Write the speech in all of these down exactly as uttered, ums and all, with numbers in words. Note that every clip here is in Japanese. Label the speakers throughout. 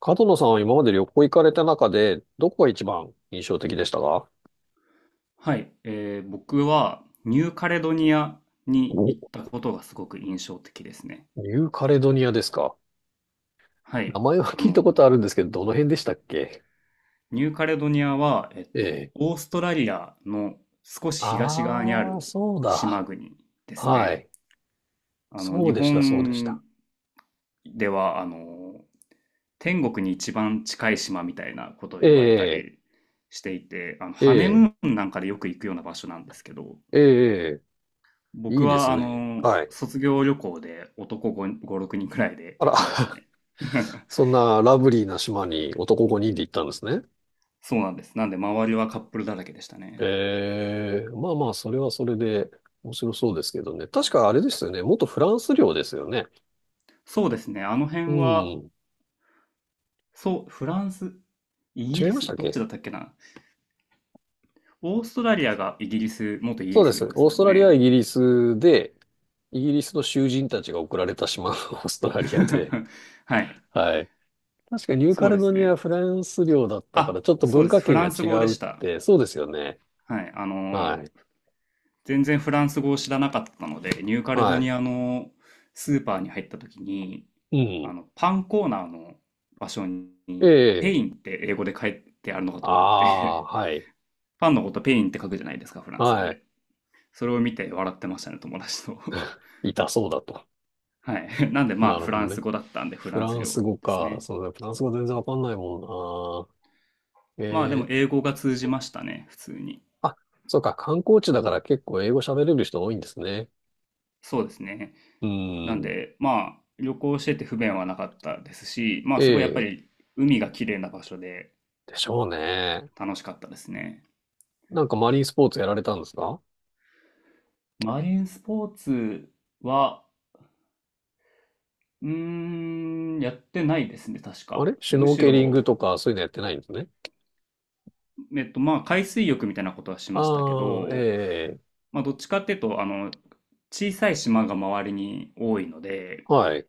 Speaker 1: 角野さんは今まで旅行行かれた中で、どこが一番印象的でしたか？
Speaker 2: はい、えー僕はニューカレドニアに行っ
Speaker 1: お、
Speaker 2: たことがすごく印象的ですね。
Speaker 1: ニューカレドニアですか。
Speaker 2: は
Speaker 1: 名
Speaker 2: い、
Speaker 1: 前は
Speaker 2: あ
Speaker 1: 聞いたこと
Speaker 2: の、
Speaker 1: あるんですけど、どの辺でしたっけ？
Speaker 2: ニューカレドニアは、えっ
Speaker 1: え
Speaker 2: と、
Speaker 1: え。
Speaker 2: オーストラリアの少し東側にあ
Speaker 1: ああ、
Speaker 2: る
Speaker 1: そう
Speaker 2: 島
Speaker 1: だ。
Speaker 2: 国です
Speaker 1: は
Speaker 2: ね。
Speaker 1: い。
Speaker 2: あの、
Speaker 1: そう
Speaker 2: 日
Speaker 1: でした、そうでし
Speaker 2: 本
Speaker 1: た。
Speaker 2: では、あの、天国に一番近い島みたいなことを
Speaker 1: え
Speaker 2: 言われた
Speaker 1: え、
Speaker 2: りしていて、あの、
Speaker 1: え
Speaker 2: ハネ
Speaker 1: え、
Speaker 2: ムーンなんかでよく行くような場所なんですけど、
Speaker 1: ええ、い
Speaker 2: 僕
Speaker 1: いです
Speaker 2: は、あ
Speaker 1: ね。
Speaker 2: の、
Speaker 1: はい。
Speaker 2: 卒業旅行で男5、ご、ろくにんくらいで
Speaker 1: あら、
Speaker 2: 行きました ね。
Speaker 1: そんなラブリーな島に男ごにんで行ったんですね。
Speaker 2: そうなんです。なんで、周りはカップルだらけでしたね。
Speaker 1: ええ、まあまあ、それはそれで面白そうですけどね。確かあれですよね。元フランス領ですよね。
Speaker 2: そうですね。あの
Speaker 1: う
Speaker 2: 辺は、
Speaker 1: ん。
Speaker 2: そう、フランス、イ
Speaker 1: 違
Speaker 2: ギ
Speaker 1: い
Speaker 2: リ
Speaker 1: ました
Speaker 2: ス、
Speaker 1: っ
Speaker 2: どっち
Speaker 1: け？
Speaker 2: だったっけな。オーストラリアがイギリス、元イギ
Speaker 1: そう
Speaker 2: リ
Speaker 1: で
Speaker 2: ス
Speaker 1: す。
Speaker 2: 領で
Speaker 1: オ
Speaker 2: す
Speaker 1: ース
Speaker 2: も
Speaker 1: ト
Speaker 2: ん
Speaker 1: ラリアはイ
Speaker 2: ね。
Speaker 1: ギリスで、イギリスの囚人たちが送られた島の オーストラリアで。
Speaker 2: はい。
Speaker 1: はい。確かニューカ
Speaker 2: そう
Speaker 1: レ
Speaker 2: で
Speaker 1: ド
Speaker 2: す
Speaker 1: ニアは
Speaker 2: ね。
Speaker 1: フランス領だったから、
Speaker 2: あ、
Speaker 1: ちょっと
Speaker 2: そう
Speaker 1: 文
Speaker 2: で
Speaker 1: 化
Speaker 2: す。フ
Speaker 1: 圏
Speaker 2: ラ
Speaker 1: が
Speaker 2: ンス
Speaker 1: 違
Speaker 2: 語で
Speaker 1: うっ
Speaker 2: した。
Speaker 1: て、そうですよね。
Speaker 2: はい。あの、
Speaker 1: はい。
Speaker 2: 全然フランス語を知らなかったので、ニューカレド
Speaker 1: は
Speaker 2: ニアのスーパーに入った時に、
Speaker 1: い。う
Speaker 2: あ
Speaker 1: ん。
Speaker 2: の、パンコーナーの場所
Speaker 1: え
Speaker 2: に、ペ
Speaker 1: え。
Speaker 2: インって英語で書いてあるのかと
Speaker 1: あ
Speaker 2: 思っ
Speaker 1: あ、
Speaker 2: て
Speaker 1: はい。
Speaker 2: パンのことペインって書くじゃないですか、フランス語
Speaker 1: はい。
Speaker 2: で。それを見て笑ってましたね、友達と
Speaker 1: 痛そうだと。
Speaker 2: はい。なんでま
Speaker 1: な
Speaker 2: あ、
Speaker 1: る
Speaker 2: フラ
Speaker 1: ほ
Speaker 2: ン
Speaker 1: ど
Speaker 2: ス
Speaker 1: ね。
Speaker 2: 語だったんで、フ
Speaker 1: フ
Speaker 2: ランス
Speaker 1: ランス
Speaker 2: 料
Speaker 1: 語
Speaker 2: です
Speaker 1: か。
Speaker 2: ね。
Speaker 1: そうだ、フランス語全然わかんないもんな。
Speaker 2: まあ、でも
Speaker 1: ええ。
Speaker 2: 英語が通じましたね、普通に。
Speaker 1: あ、そうか。観光地だから結構英語喋れる人多いんですね。
Speaker 2: そうですね。
Speaker 1: う
Speaker 2: なん
Speaker 1: ん。
Speaker 2: で、まあ、旅行してて不便はなかったですし、まあ、
Speaker 1: え
Speaker 2: すごいやっぱ
Speaker 1: え、
Speaker 2: り海が綺麗な場所で
Speaker 1: でしょうね。
Speaker 2: 楽しかったですね。
Speaker 1: なんかマリンスポーツやられたんですか？
Speaker 2: マリンスポーツは、うーん、やってないですね、確
Speaker 1: あ
Speaker 2: か。
Speaker 1: れシュ
Speaker 2: む
Speaker 1: ノー
Speaker 2: し
Speaker 1: ケリン
Speaker 2: ろ、
Speaker 1: グとかそういうのやってないんですね。
Speaker 2: えっと、まあ、海水浴みたいなことはしましたけ
Speaker 1: ああ、え
Speaker 2: ど、
Speaker 1: え、
Speaker 2: まあ、どっちかっていうと、あの、小さい島が周りに多いので、
Speaker 1: はい。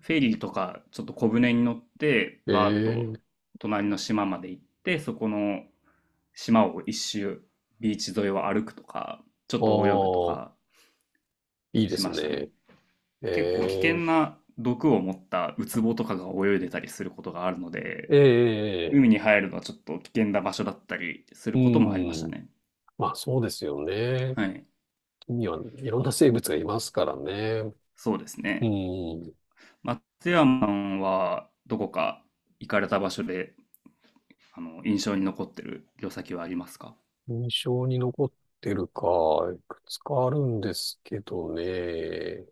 Speaker 2: フェリーとか、ちょっと小船に乗って、
Speaker 1: え
Speaker 2: バーッと
Speaker 1: え、
Speaker 2: 隣の島まで行って、そこの島を一周、ビーチ沿いを歩くとか、ちょっ
Speaker 1: あ
Speaker 2: と泳ぐと
Speaker 1: あ、
Speaker 2: か
Speaker 1: いいで
Speaker 2: し
Speaker 1: す
Speaker 2: ましたね。
Speaker 1: ね。
Speaker 2: 結構危険
Speaker 1: ええ、
Speaker 2: な毒を持ったウツボとかが泳いでたりすることがあるので、
Speaker 1: ええ、
Speaker 2: 海に入るのはちょっと危険な場所だったりす
Speaker 1: う
Speaker 2: ることもありました
Speaker 1: ん。
Speaker 2: ね。
Speaker 1: まあそうですよね。
Speaker 2: はい。
Speaker 1: 海にはいろんな生物がいますからね。
Speaker 2: そうです
Speaker 1: う
Speaker 2: ね。
Speaker 1: ん。
Speaker 2: 松山はどこか行かれた場所で、あの、印象に残ってる旅先はありますか？
Speaker 1: 印象に残ってるか、いくつかあるんですけどね。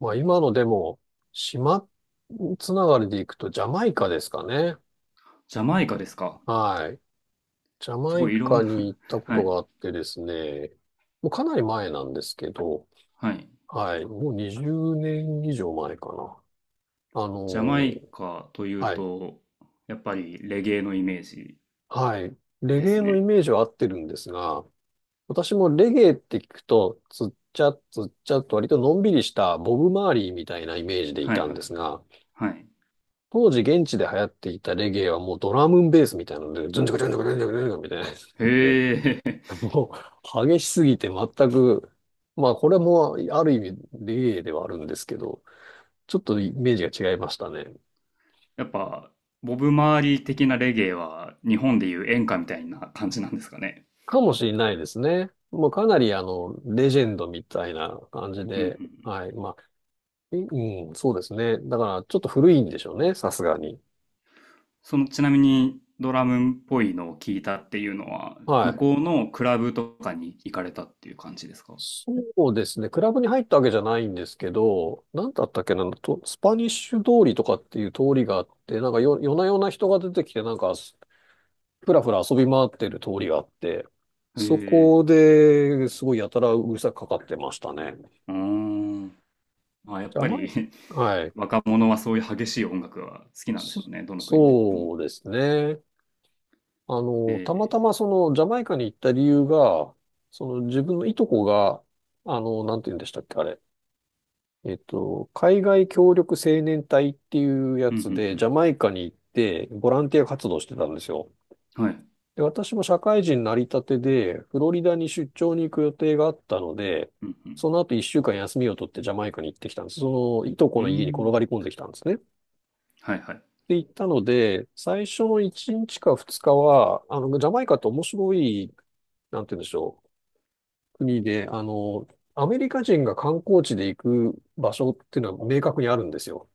Speaker 1: まあ今のでも、島つながりで行くとジャマイカですかね。
Speaker 2: ジャマイカですか？
Speaker 1: はい。ジャ
Speaker 2: す
Speaker 1: マ
Speaker 2: ご
Speaker 1: イ
Speaker 2: いいろん
Speaker 1: カ
Speaker 2: な
Speaker 1: に行ったこ
Speaker 2: は
Speaker 1: とが
Speaker 2: い。
Speaker 1: あってですね、もうかなり前なんですけど、
Speaker 2: はい。
Speaker 1: はい。もうにじゅうねん以上前かな。あの
Speaker 2: ジャマイ
Speaker 1: ー
Speaker 2: カという
Speaker 1: はい。
Speaker 2: と、やっぱりレゲエのイメージ
Speaker 1: はい。レ
Speaker 2: で
Speaker 1: ゲエ
Speaker 2: す
Speaker 1: のイ
Speaker 2: ね。
Speaker 1: メージは合ってるんですが、私もレゲエって聞くと、つっちゃつっちゃと割とのんびりしたボブ・マーリーみたいなイメージでい
Speaker 2: はい
Speaker 1: た
Speaker 2: は
Speaker 1: んで
Speaker 2: い。
Speaker 1: すが、
Speaker 2: はい。
Speaker 1: 当時現地で流行っていたレゲエはもうドラムンベースみたいなので、ズンチョクズンチョクズンチョクズンチョクみたいなやつで、
Speaker 2: へえ。
Speaker 1: もう激しすぎて全く、まあこれもある意味レゲエではあるんですけど、ちょっとイメージが違いましたね。
Speaker 2: やっぱ、ボブ・マーリー的なレゲエは日本でいう演歌みたいな感じなんですかね。
Speaker 1: かもしれないですね。もうかなりあの、レジェンドみたいな感じ
Speaker 2: うんう
Speaker 1: で、
Speaker 2: ん。
Speaker 1: はい。まあ、えうん、そうですね。だからちょっと古いんでしょうね、さすがに。
Speaker 2: その、ちなみにドラムっぽいのを聞いたっていうのは、向
Speaker 1: はい。
Speaker 2: こうのクラブとかに行かれたっていう感じですか？
Speaker 1: そうですね。クラブに入ったわけじゃないんですけど、なんだったっけな、と、スパニッシュ通りとかっていう通りがあって、なんかよ、夜な夜な人が出てきて、なんか、ふらふら遊び回ってる通りがあって、
Speaker 2: へ
Speaker 1: そ
Speaker 2: え。
Speaker 1: こですごいやたらうるさくかかってましたね。
Speaker 2: うーん。まあ、やっ
Speaker 1: じゃあ、
Speaker 2: ぱ
Speaker 1: ま
Speaker 2: り
Speaker 1: あはい。
Speaker 2: 若者はそういう激しい音楽が好きなんでし
Speaker 1: そ、
Speaker 2: ょうね。どの国でも。
Speaker 1: そうですね。あ
Speaker 2: え
Speaker 1: の、たま
Speaker 2: え。
Speaker 1: たまその、ジャマイカに行った理由が、その自分のいとこが、あの、なんて言うんでしたっけ、あれ。えっと、海外協力青年隊っていうや
Speaker 2: うんう
Speaker 1: つで、ジ
Speaker 2: ん
Speaker 1: ャマイカに行って、ボランティア活動してたんですよ。
Speaker 2: うん。はい。
Speaker 1: で、私も社会人になりたてで、フロリダに出張に行く予定があったので、
Speaker 2: うんうん。
Speaker 1: その後一週間休みを取ってジャマイカに行ってきたんです。その、いとこ
Speaker 2: うー
Speaker 1: の家に転
Speaker 2: ん。
Speaker 1: がり込んできたんですね。
Speaker 2: はいはい。
Speaker 1: で、行ったので、最初のいちにちかふつかは、あの、ジャマイカって面白い、なんて言うんでしょう、国で、あの、アメリカ人が観光地で行く場所っていうのは明確にあるんですよ。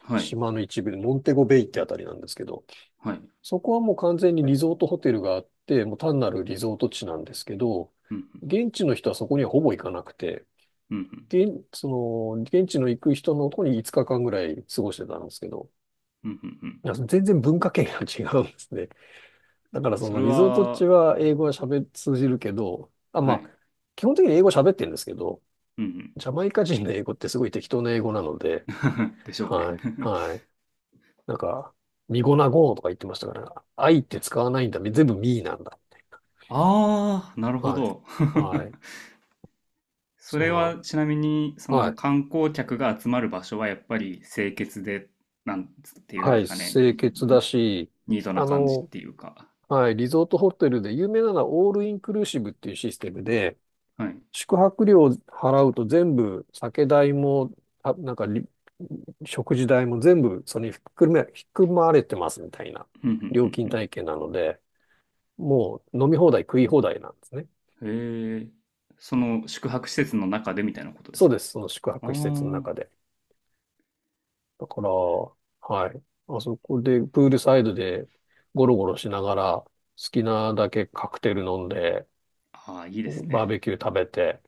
Speaker 2: はい。
Speaker 1: 島の一部で、モンテゴベイってあたりなんですけど、
Speaker 2: はい。
Speaker 1: そこはもう完全にリゾートホテルがあって、もう単なるリゾート地なんですけど、
Speaker 2: うんうん。
Speaker 1: 現地の人はそこにはほぼ行かなくて、
Speaker 2: うんうん。
Speaker 1: 現、その、現地の行く人のとこにいつかかんぐらい過ごしてたんですけど、
Speaker 2: うんうんうん。
Speaker 1: いや全然文化圏が違うんですね。だからそ
Speaker 2: そ
Speaker 1: の
Speaker 2: れ
Speaker 1: リゾート地
Speaker 2: は、
Speaker 1: は英語は喋、通じるけど、あ、
Speaker 2: は
Speaker 1: まあ、
Speaker 2: い。
Speaker 1: 基本的に英語喋ってるんですけど、
Speaker 2: うんう
Speaker 1: ジャマイカ人の英語ってすごい適当な英語なの
Speaker 2: ん。
Speaker 1: で、
Speaker 2: でしょうね。
Speaker 1: はい、はい。なんか、ミゴナゴーとか言ってましたから、愛って使わないんだ。全部ミーなんだ。
Speaker 2: ああ、なるほ
Speaker 1: はい。
Speaker 2: ど。
Speaker 1: はい。
Speaker 2: そ
Speaker 1: そ
Speaker 2: れ
Speaker 1: んな。
Speaker 2: はちなみに、そ
Speaker 1: は
Speaker 2: の
Speaker 1: い。
Speaker 2: 観光客が集まる場所はやっぱり清潔で、なんっていうん
Speaker 1: は
Speaker 2: で
Speaker 1: い。
Speaker 2: すかね、
Speaker 1: 清潔だし、
Speaker 2: ニートな
Speaker 1: あ
Speaker 2: 感じっ
Speaker 1: の、
Speaker 2: ていうか。
Speaker 1: はい。リゾートホテルで有名なのはオールインクルーシブっていうシステムで、
Speaker 2: はい。
Speaker 1: 宿泊料を払うと全部酒代も、あ、なんかり、食事代も全部それに含め、含まれてますみたいな
Speaker 2: ふんふん
Speaker 1: 料
Speaker 2: ふ
Speaker 1: 金
Speaker 2: ん
Speaker 1: 体系なので、もう飲み放題食い放題なんですね。
Speaker 2: ふん。へえ。その宿泊施設の中でみたいなことで
Speaker 1: そ
Speaker 2: す
Speaker 1: う
Speaker 2: か？
Speaker 1: です。その宿
Speaker 2: あ
Speaker 1: 泊施設の
Speaker 2: ー
Speaker 1: 中で。だから、はい。まあそこで、プールサイドでゴロゴロしながら、好きなだけカクテル飲んで、
Speaker 2: あー、いいです
Speaker 1: バー
Speaker 2: ね。
Speaker 1: ベキュー食べて、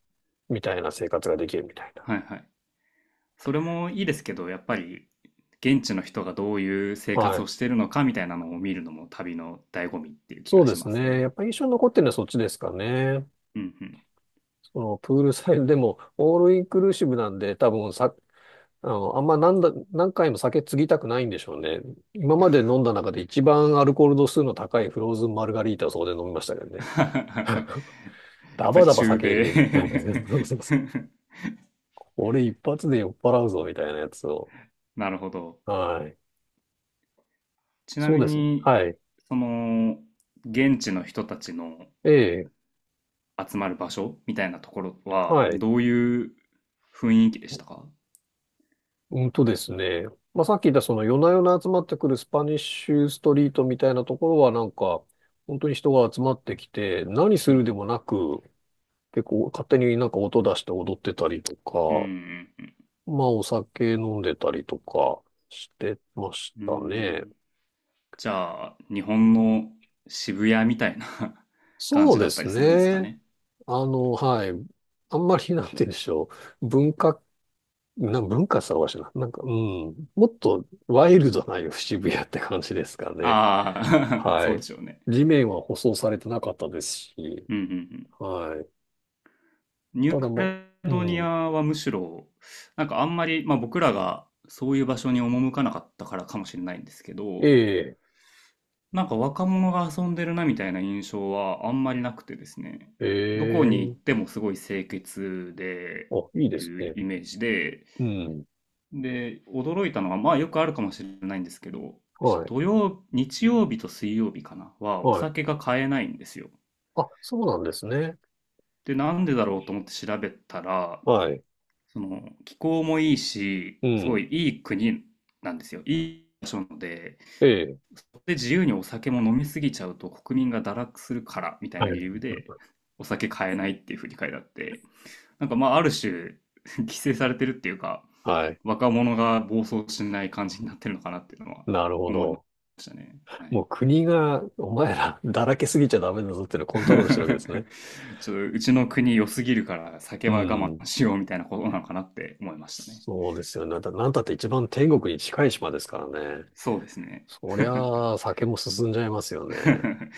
Speaker 1: みたいな生活ができるみたいな。
Speaker 2: はいはい。それもいいですけど、やっぱり現地の人がどういう生
Speaker 1: は
Speaker 2: 活を
Speaker 1: い。
Speaker 2: してるのかみたいなのを見るのも旅の醍醐味っていう気
Speaker 1: そう
Speaker 2: が
Speaker 1: で
Speaker 2: し
Speaker 1: す
Speaker 2: ます
Speaker 1: ね。
Speaker 2: ね。
Speaker 1: やっぱ印象に残ってるのはそっちですかね。
Speaker 2: うんうん。
Speaker 1: そのプールサイドでも、オールインクルーシブなんで、多分さ、あの、あんま何だ、何回も酒継ぎたくないんでしょうね。今まで飲んだ中で一番アルコール度数の高いフローズンマルガリータをそこで飲みましたけどね。
Speaker 2: や
Speaker 1: ダ
Speaker 2: っぱ
Speaker 1: バ
Speaker 2: り
Speaker 1: ダバ
Speaker 2: 中
Speaker 1: 酒入れ
Speaker 2: 米
Speaker 1: てる。俺一発で酔っ払うぞ、みたいなやつを。
Speaker 2: なるほど。
Speaker 1: はい。
Speaker 2: ちな
Speaker 1: そう
Speaker 2: み
Speaker 1: です。
Speaker 2: に、
Speaker 1: はい。
Speaker 2: その、現地の人たちの
Speaker 1: ええ。
Speaker 2: 集まる場所みたいなところは、
Speaker 1: はい。
Speaker 2: どういう雰囲気でしたか？
Speaker 1: うんとですね。まあ、さっき言ったその夜な夜な集まってくるスパニッシュストリートみたいなところはなんか、本当に人が集まってきて、何す
Speaker 2: うん
Speaker 1: るで
Speaker 2: うん。
Speaker 1: もなく、結構勝手になんか音出して踊ってたりと
Speaker 2: う
Speaker 1: か、
Speaker 2: ん
Speaker 1: まあお酒飲んでたりとかしてまし
Speaker 2: うんうん。ー
Speaker 1: たね。
Speaker 2: ん。じゃあ、日本の渋谷みたいな 感
Speaker 1: そう
Speaker 2: じだ
Speaker 1: で
Speaker 2: った
Speaker 1: す
Speaker 2: りするんですか
Speaker 1: ね。
Speaker 2: ね。
Speaker 1: あの、はい。あんまりなんて言うんでしょう。文化なん文化さわしな。なんか、うん。もっとワイルドな渋谷って感じですかね。
Speaker 2: ああ、そ
Speaker 1: は
Speaker 2: うで
Speaker 1: い。
Speaker 2: しょうね。
Speaker 1: 地面は舗装されてなかったですし。
Speaker 2: うんうんうん。
Speaker 1: はい。
Speaker 2: ニュー
Speaker 1: ただ
Speaker 2: カ
Speaker 1: も
Speaker 2: レ
Speaker 1: う、う
Speaker 2: ドニア
Speaker 1: ん。
Speaker 2: はむしろ、なんかあんまり、まあ僕らがそういう場所に赴かなかったからかもしれないんですけ
Speaker 1: え
Speaker 2: ど、
Speaker 1: え、
Speaker 2: なんか若者が遊んでるなみたいな印象はあんまりなくてですね、
Speaker 1: え
Speaker 2: どこに行
Speaker 1: え。
Speaker 2: ってもすごい清潔で、
Speaker 1: あ、いい
Speaker 2: い
Speaker 1: です
Speaker 2: う
Speaker 1: ね。
Speaker 2: イメージで、
Speaker 1: うん。
Speaker 2: で、驚いたのは、まあよくあるかもしれないんですけど、
Speaker 1: はい。
Speaker 2: 土曜、日曜日と水曜日かな、はお
Speaker 1: はい。
Speaker 2: 酒が買えないんですよ。
Speaker 1: あ、そうなんですね。
Speaker 2: で、なんでだろうと思って調べたら、
Speaker 1: はい。
Speaker 2: その気候もいいし、
Speaker 1: う
Speaker 2: すご
Speaker 1: ん。
Speaker 2: いいい国なんですよ。いい場所なので、
Speaker 1: ええ。
Speaker 2: で自由にお酒も飲みすぎちゃうと国民が堕落するからみたい
Speaker 1: は
Speaker 2: な理
Speaker 1: い
Speaker 2: 由でお酒買えないっていうふうに書いてあって、なんかまあある種 規制されてるっていうか、
Speaker 1: はい。
Speaker 2: 若者が暴走しない感じになってるのかなっていうのは
Speaker 1: なるほ
Speaker 2: 思いま
Speaker 1: ど。
Speaker 2: したね。は
Speaker 1: も
Speaker 2: い。
Speaker 1: う国が、お前ら、だらけすぎちゃダメだぞっていうのを コントロールしてるわけですね。
Speaker 2: ちょっとうちの国良すぎるから酒
Speaker 1: う
Speaker 2: は我慢
Speaker 1: ん。
Speaker 2: しようみたいなことなのかなって思いましたね。
Speaker 1: そうですよね。だ、なんたって一番天国に近い島ですからね。
Speaker 2: そうですね。
Speaker 1: そりゃあ、酒も進んじゃいますよね。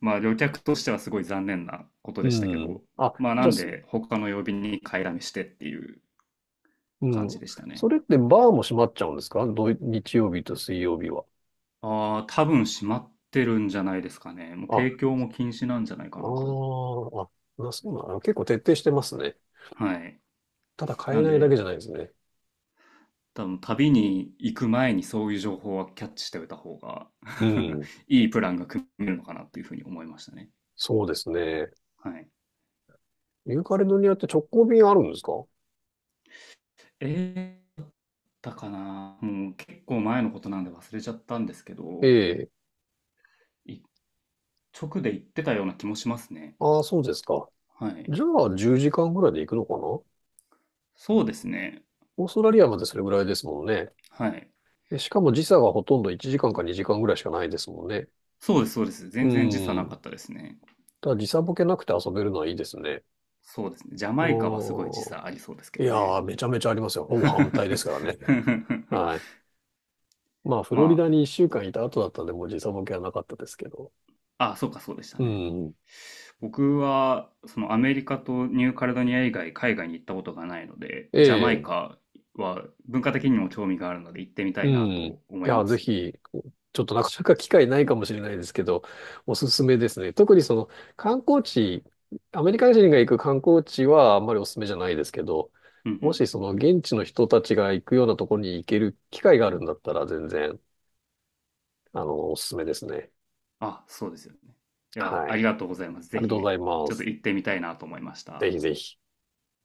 Speaker 2: まあ旅客としてはすごい残念なこと
Speaker 1: う
Speaker 2: でしたけ
Speaker 1: ん。
Speaker 2: ど、
Speaker 1: あ、
Speaker 2: まあな
Speaker 1: じゃあ、
Speaker 2: ん
Speaker 1: す
Speaker 2: で他の曜日に買いだめしてっていう
Speaker 1: う
Speaker 2: 感
Speaker 1: ん。
Speaker 2: じでしたね。
Speaker 1: それってバーも閉まっちゃうんですか？土日曜日と水曜日は。
Speaker 2: ああ、多分閉まってるんじゃないですかね。もう
Speaker 1: あ、あ
Speaker 2: 提供も禁止なんじゃないか
Speaker 1: あ、
Speaker 2: なと。
Speaker 1: あ、な、そうなの。結構徹底してますね。
Speaker 2: はい。
Speaker 1: ただ買
Speaker 2: な
Speaker 1: え
Speaker 2: ん
Speaker 1: ないだけ
Speaker 2: で
Speaker 1: じゃないですね。
Speaker 2: 多分旅に行く前にそういう情報はキャッチしておいた方が
Speaker 1: う ん。
Speaker 2: いいプランが組めるのかなっていうふうに思いましたね。
Speaker 1: そうですね。
Speaker 2: はい。
Speaker 1: ユーカリドニアって直行便あるんですか？
Speaker 2: えーだったかなもう結構前のことなんで忘れちゃったんですけど、
Speaker 1: ええ。
Speaker 2: 一直で言ってたような気もしますね。
Speaker 1: ああ、そうですか。
Speaker 2: はい。
Speaker 1: じゃあ、じゅうじかんぐらいで行くのかな？
Speaker 2: そうですね。
Speaker 1: オーストラリアまでそれぐらいですもんね。
Speaker 2: はい。
Speaker 1: で、しかも時差がほとんどいちじかんかにじかんぐらいしかないですもんね。
Speaker 2: そうです、そうです。
Speaker 1: う
Speaker 2: 全然時差なか
Speaker 1: ん。
Speaker 2: ったですね。
Speaker 1: ただ時差ボケなくて遊べるのはいいですね。
Speaker 2: そうですね。ジャマイカはすごい時
Speaker 1: おー。
Speaker 2: 差ありそうですけ
Speaker 1: い
Speaker 2: ど
Speaker 1: や
Speaker 2: ね。
Speaker 1: ー、めちゃめちゃありますよ。ほぼ反対で すからね。はい。まあ、フ
Speaker 2: ま
Speaker 1: ロリダにいっしゅうかんいた後だったんで、もう時差ボケはなかったですけど。
Speaker 2: あ、あ、そうか、そうでした
Speaker 1: う
Speaker 2: ね。
Speaker 1: ん。
Speaker 2: 僕は、そのアメリカとニューカレドニア以外海外に行ったことがないので、ジャマイ
Speaker 1: ええ
Speaker 2: カは文化的にも興味があるので行ってみた
Speaker 1: う
Speaker 2: い
Speaker 1: ん。
Speaker 2: な
Speaker 1: い
Speaker 2: と思い
Speaker 1: や、
Speaker 2: ま
Speaker 1: ぜ
Speaker 2: す。
Speaker 1: ひ、ちょっとなかなか機会ないかもしれないですけど、おすすめですね。特にその観光地、アメリカ人が行く観光地はあんまりおすすめじゃないですけど、
Speaker 2: うんう
Speaker 1: も
Speaker 2: ん。
Speaker 1: しその現地の人たちが行くようなところに行ける機会があるんだったら全然、あの、おすすめですね。
Speaker 2: あ、そうですよね。いや、
Speaker 1: は
Speaker 2: あ
Speaker 1: い。
Speaker 2: りがとうございます。
Speaker 1: あ
Speaker 2: ぜ
Speaker 1: りがとうござ
Speaker 2: ひ、
Speaker 1: い
Speaker 2: ち
Speaker 1: ま
Speaker 2: ょっと
Speaker 1: す。
Speaker 2: 行ってみたいなと思いまし
Speaker 1: ぜ
Speaker 2: た。
Speaker 1: ひぜひ。